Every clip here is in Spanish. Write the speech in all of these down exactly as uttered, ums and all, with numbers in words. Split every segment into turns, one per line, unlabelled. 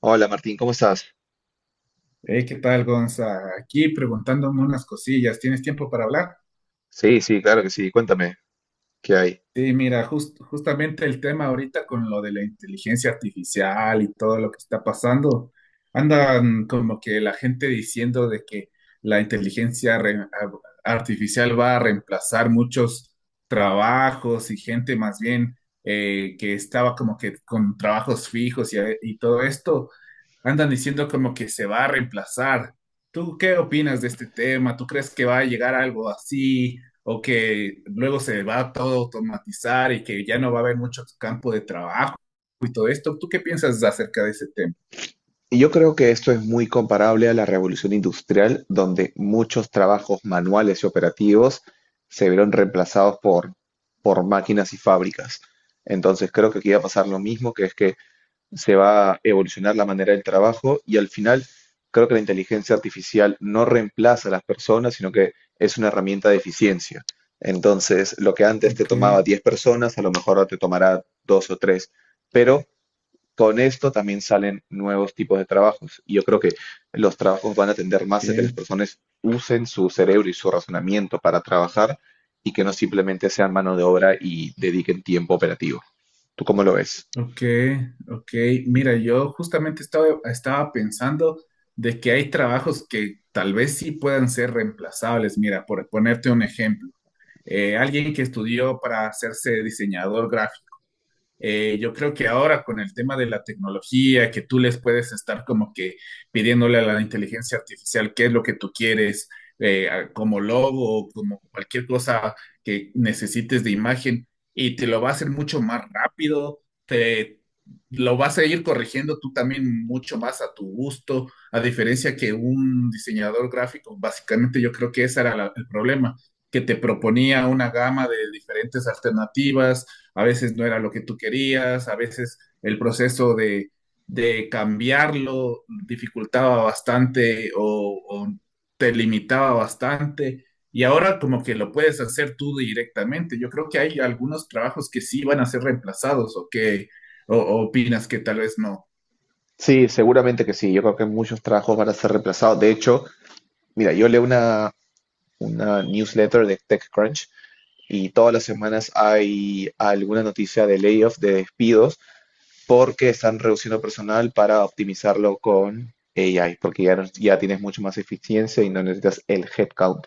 Hola Martín, ¿cómo estás?
Hey, ¿qué tal, Gonza? Aquí preguntándome unas cosillas. ¿Tienes tiempo para hablar?
Sí, sí, claro que sí. Cuéntame, ¿qué hay?
Sí, mira, jus- justamente el tema ahorita con lo de la inteligencia artificial y todo lo que está pasando, andan como que la gente diciendo de que la inteligencia re- a- artificial va a reemplazar muchos trabajos y gente más bien eh, que estaba como que con trabajos fijos y, a- y todo esto, andan diciendo como que se va a reemplazar. ¿Tú qué opinas de este tema? ¿Tú crees que va a llegar algo así, o que luego se va todo a automatizar y que ya no va a haber mucho campo de trabajo y todo esto? ¿Tú qué piensas acerca de ese tema?
Y Yo creo que esto es muy comparable a la revolución industrial, donde muchos trabajos manuales y operativos se vieron reemplazados por, por máquinas y fábricas. Entonces creo que aquí va a pasar lo mismo, que es que se va a evolucionar la manera del trabajo y al final creo que la inteligencia artificial no reemplaza a las personas, sino que es una herramienta de eficiencia. Entonces, lo que antes te
Ok,
tomaba diez personas, a lo mejor ahora te tomará dos o tres, pero con esto también salen nuevos tipos de trabajos. Y yo creo que los trabajos van a tender más a que las
ok,
personas usen su cerebro y su razonamiento para trabajar y que no simplemente sean mano de obra y dediquen tiempo operativo. ¿Tú cómo lo ves?
ok, ok. Mira, yo justamente estaba, estaba pensando de que hay trabajos que tal vez sí puedan ser reemplazables. Mira, por ponerte un ejemplo, eh, alguien que estudió para hacerse diseñador gráfico. Eh, yo creo que ahora con el tema de la tecnología, que tú les puedes estar como que pidiéndole a la inteligencia artificial qué es lo que tú quieres, eh, a- como logo o como cualquier cosa que necesites de imagen, y te lo va a hacer mucho más rápido, te lo vas a ir corrigiendo tú también mucho más a tu gusto, a diferencia que un diseñador gráfico, básicamente yo creo que ese era la- el problema, que te proponía una gama de diferentes alternativas, a veces no era lo que tú querías, a veces el proceso de, de cambiarlo dificultaba bastante o, o te limitaba bastante. Y ahora como que lo puedes hacer tú directamente. Yo creo que hay algunos trabajos que sí van a ser reemplazados o que o, o opinas que tal vez no.
Sí, seguramente que sí. Yo creo que muchos trabajos van a ser reemplazados. De hecho, mira, yo leo una, una newsletter de TechCrunch y todas las semanas hay alguna noticia de layoffs, de despidos, porque están reduciendo personal para optimizarlo con A I, porque ya, no- ya tienes mucho más eficiencia y no necesitas el headcount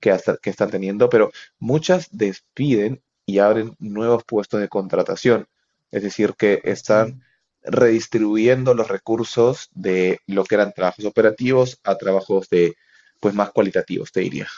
que, hasta- que están teniendo, pero muchas despiden y abren nuevos puestos de contratación, es decir, que están
Sí.
redistribuyendo los recursos de lo que eran trabajos operativos a trabajos de, pues, más cualitativos, te diría.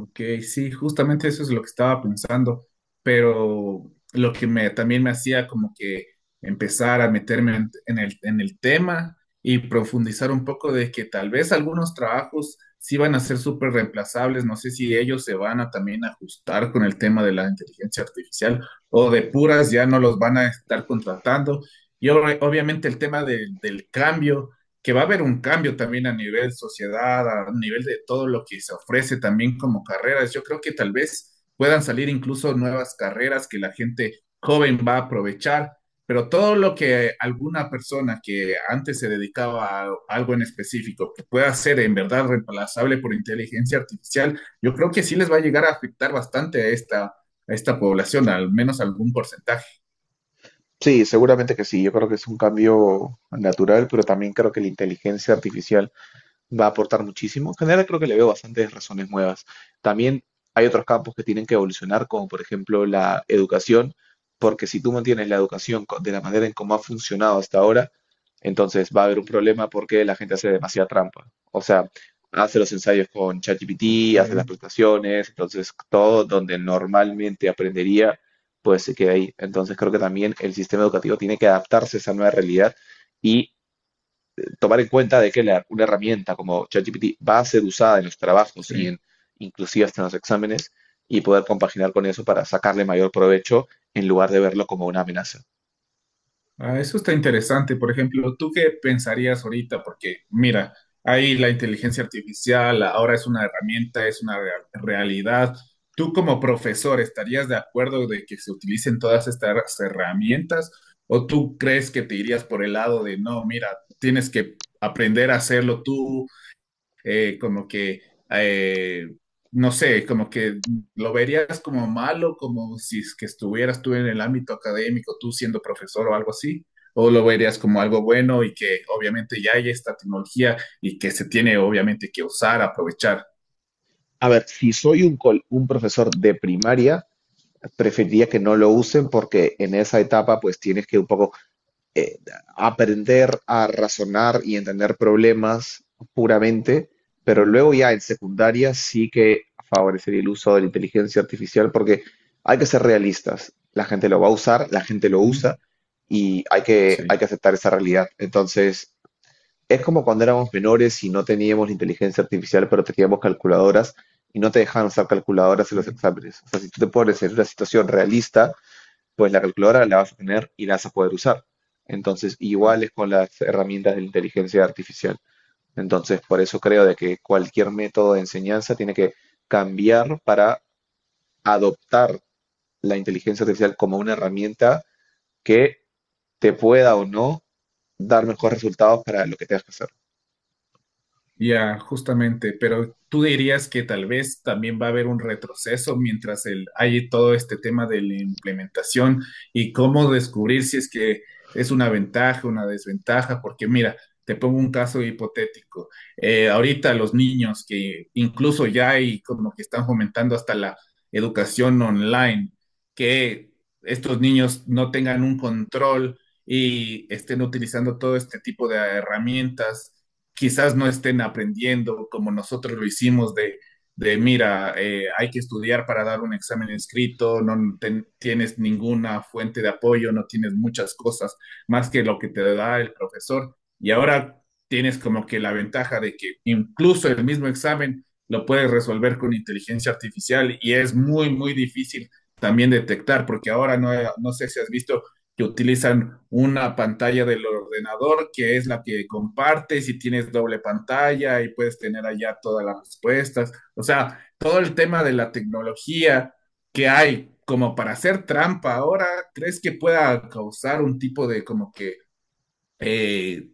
Ok, sí, justamente eso es lo que estaba pensando, pero lo que me, también me hacía como que empezar a meterme en, en el, en el tema y profundizar un poco de que tal vez algunos trabajos sí van a ser súper reemplazables, no sé si ellos se van a también ajustar con el tema de la inteligencia artificial o de puras ya no los van a estar contratando. Y ob- obviamente el tema del del cambio, que va a haber un cambio también a nivel sociedad, a nivel de todo lo que se ofrece también como carreras. Yo creo que tal vez puedan salir incluso nuevas carreras que la gente joven va a aprovechar, pero todo lo que alguna persona que antes se dedicaba a algo en específico que pueda ser en verdad reemplazable por inteligencia artificial, yo creo que sí les va a llegar a afectar bastante a esta, a esta población, al menos algún porcentaje.
Sí, seguramente que sí. Yo creo que es un cambio natural, pero también creo que la inteligencia artificial va a aportar muchísimo. En general creo que le veo bastantes razones nuevas. También hay otros campos que tienen que evolucionar, como por ejemplo la educación, porque si tú mantienes la educación co- de la manera en cómo ha funcionado hasta ahora, entonces va a haber un problema porque la gente hace demasiada trampa. O sea, hace los ensayos con
Ok,
ChatGPT, hace las prestaciones, entonces todo donde normalmente aprendería, pues se queda ahí. Entonces creo que también el sistema educativo tiene que adaptarse a esa nueva realidad y tomar en cuenta de que la- una herramienta como ChatGPT va a ser usada en los trabajos y
sí.
en inclusive hasta en los exámenes y poder compaginar con eso para sacarle mayor provecho en lugar de verlo como una amenaza.
Ah, eso está interesante. Por ejemplo, ¿tú qué pensarías ahorita? Porque mira, ahí la inteligencia artificial ahora es una herramienta, es una rea- realidad. ¿Tú como profesor estarías de acuerdo de que se utilicen todas estas herramientas? ¿O tú crees que te irías por el lado de, no, mira, tienes que aprender a hacerlo tú, eh, como que, eh, no sé, como que lo verías como malo, como si es que estuvieras tú en el ámbito académico, tú siendo profesor o algo así, o lo verías como algo bueno y que obviamente ya hay esta tecnología y que se tiene obviamente que usar, aprovechar?
A ver, si soy un, col- un profesor de primaria, preferiría que no lo usen porque en esa etapa pues tienes que un poco eh, aprender a razonar y entender problemas puramente, pero
Ok,
luego ya en secundaria sí que favorecería el uso de la inteligencia artificial porque hay que ser realistas. La gente lo va a usar, la gente lo
ujú,
usa y hay que, hay que
sí,
aceptar esa realidad. Entonces, es como cuando éramos menores y no teníamos la inteligencia artificial, pero teníamos calculadoras y no te dejaban usar calculadoras en los
ok,
exámenes. O sea, si tú te pones en una situación realista, pues la calculadora la vas a tener y la vas a poder usar. Entonces, igual
ok.
es con las herramientas de la inteligencia artificial. Entonces, por eso creo de que cualquier método de enseñanza tiene que cambiar para adoptar la inteligencia artificial como una herramienta que te pueda o no dar mejores resultados para lo que tengas que hacer.
Ya, justamente, pero tú dirías que tal vez también va a haber un retroceso mientras el, hay todo este tema de la implementación y cómo descubrir si es que es una ventaja, una desventaja, porque mira, te pongo un caso hipotético. Eh, ahorita los niños que incluso ya hay como que están fomentando hasta la educación online, que estos niños no tengan un control y estén utilizando todo este tipo de herramientas, quizás no estén aprendiendo como nosotros lo hicimos de, de mira, eh, hay que estudiar para dar un examen escrito, no ten- tienes ninguna fuente de apoyo, no tienes muchas cosas más que lo que te da el profesor. Y ahora tienes como que la ventaja de que incluso el mismo examen lo puedes resolver con inteligencia artificial y es muy, muy difícil también detectar, porque ahora no, no sé si has visto que utilizan una pantalla del ordenador, que es la que compartes y tienes doble pantalla y puedes tener allá todas las respuestas. O sea, todo el tema de la tecnología que hay como para hacer trampa ahora, ¿crees que pueda causar un tipo de como que... Eh,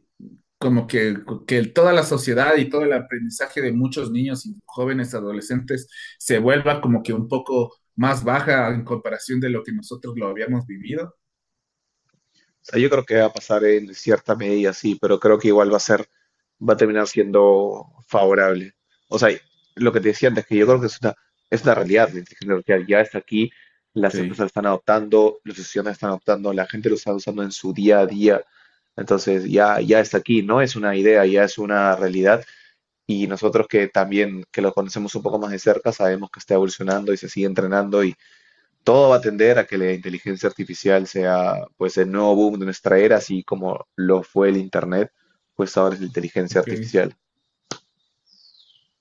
como que, que, toda la sociedad y todo el aprendizaje de muchos niños y jóvenes adolescentes se vuelva como que un poco más baja en comparación de lo que nosotros lo habíamos vivido?
Sea, yo creo que va a pasar en cierta medida, sí, pero creo que igual va a ser, va a terminar siendo favorable. O sea, lo que te decía antes, que yo creo que
Yeah.
es una, es una realidad, la inteligencia artificial ya está aquí, las empresas la
Sí.
están adoptando, los estudiantes la están adoptando, la gente lo está usando en su día a día. Entonces ya, ya está aquí, no es una idea, ya es una realidad. Y nosotros que también que lo conocemos un poco más de cerca sabemos que está evolucionando y se sigue entrenando todo va a tender a que la inteligencia artificial sea pues el nuevo boom de nuestra era, así como lo fue el internet, pues ahora es la inteligencia
Ok.
artificial.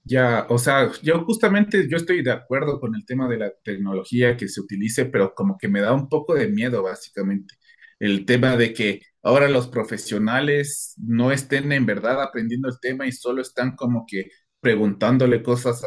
Ya, o sea, yo justamente yo estoy de acuerdo con el tema de la tecnología que se utilice, pero como que me da un poco de miedo, básicamente. El tema de que ahora los profesionales no estén en verdad aprendiendo el tema y solo están como que preguntándole cosas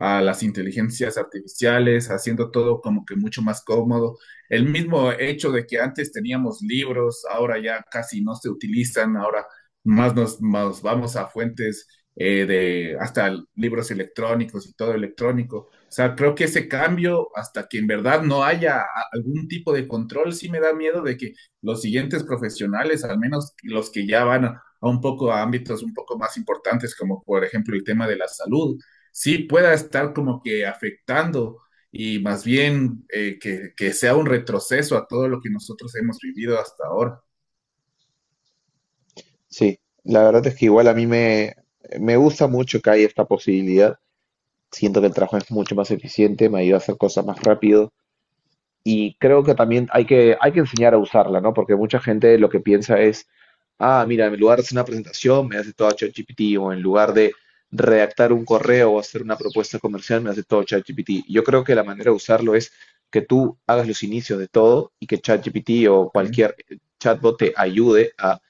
a, a las inteligencias artificiales, haciendo todo como que mucho más cómodo. El mismo hecho de que antes teníamos libros, ahora ya casi no se utilizan, ahora más nos, nos vamos a fuentes eh, de hasta libros electrónicos y todo electrónico. O sea, creo que ese cambio, hasta que en verdad no haya a- algún tipo de control, sí me da miedo de que los siguientes profesionales, al menos los que ya van a, a un poco a ámbitos un poco más importantes, como por ejemplo el tema de la salud, sí pueda estar como que afectando y más bien eh, que, que sea un retroceso a todo lo que nosotros hemos vivido hasta ahora.
Sí, la verdad es que igual a mí me, me gusta mucho que haya esta posibilidad. Siento que el trabajo es mucho más eficiente, me ayuda a hacer cosas más rápido. Y creo que también hay que, hay que enseñar a usarla, ¿no? Porque mucha gente lo que piensa es, ah, mira, en lugar de hacer una presentación, me hace todo ChatGPT, o en lugar de redactar un correo o hacer una propuesta comercial, me hace todo ChatGPT. Yo creo que la manera de usarlo es que tú hagas los inicios de todo y que ChatGPT o
Ok,
cualquier chatbot te ayude a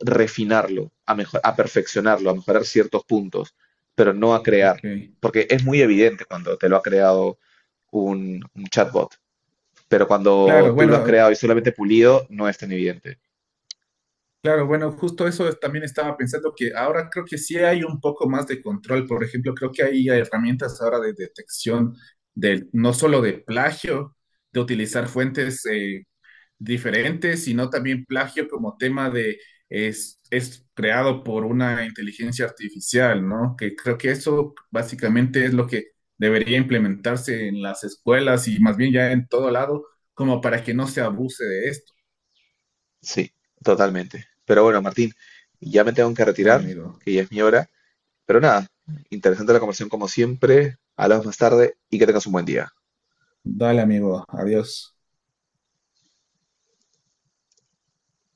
refinarlo, a mejor, a perfeccionarlo, a mejorar ciertos puntos, pero no a
ok.
crear, porque es muy evidente cuando te lo ha creado un, un chatbot, pero
Claro,
cuando tú lo has
bueno.
creado y solamente pulido, no es tan evidente.
Claro, bueno, justo eso es- también estaba pensando que ahora creo que sí hay un poco más de control. Por ejemplo, creo que hay herramientas ahora de detección del no solo de plagio, de utilizar fuentes eh, diferentes, sino también plagio como tema de es, es creado por una inteligencia artificial, ¿no? Que creo que eso básicamente es lo que debería implementarse en las escuelas y más bien ya en todo lado, como para que no se abuse de esto.
Sí, totalmente. Pero bueno, Martín, ya me tengo que
Dale,
retirar,
amigo.
que ya es mi hora. Pero nada, interesante la conversación como siempre. Hablamos más tarde y que tengas un buen día.
Dale, amigo. Adiós.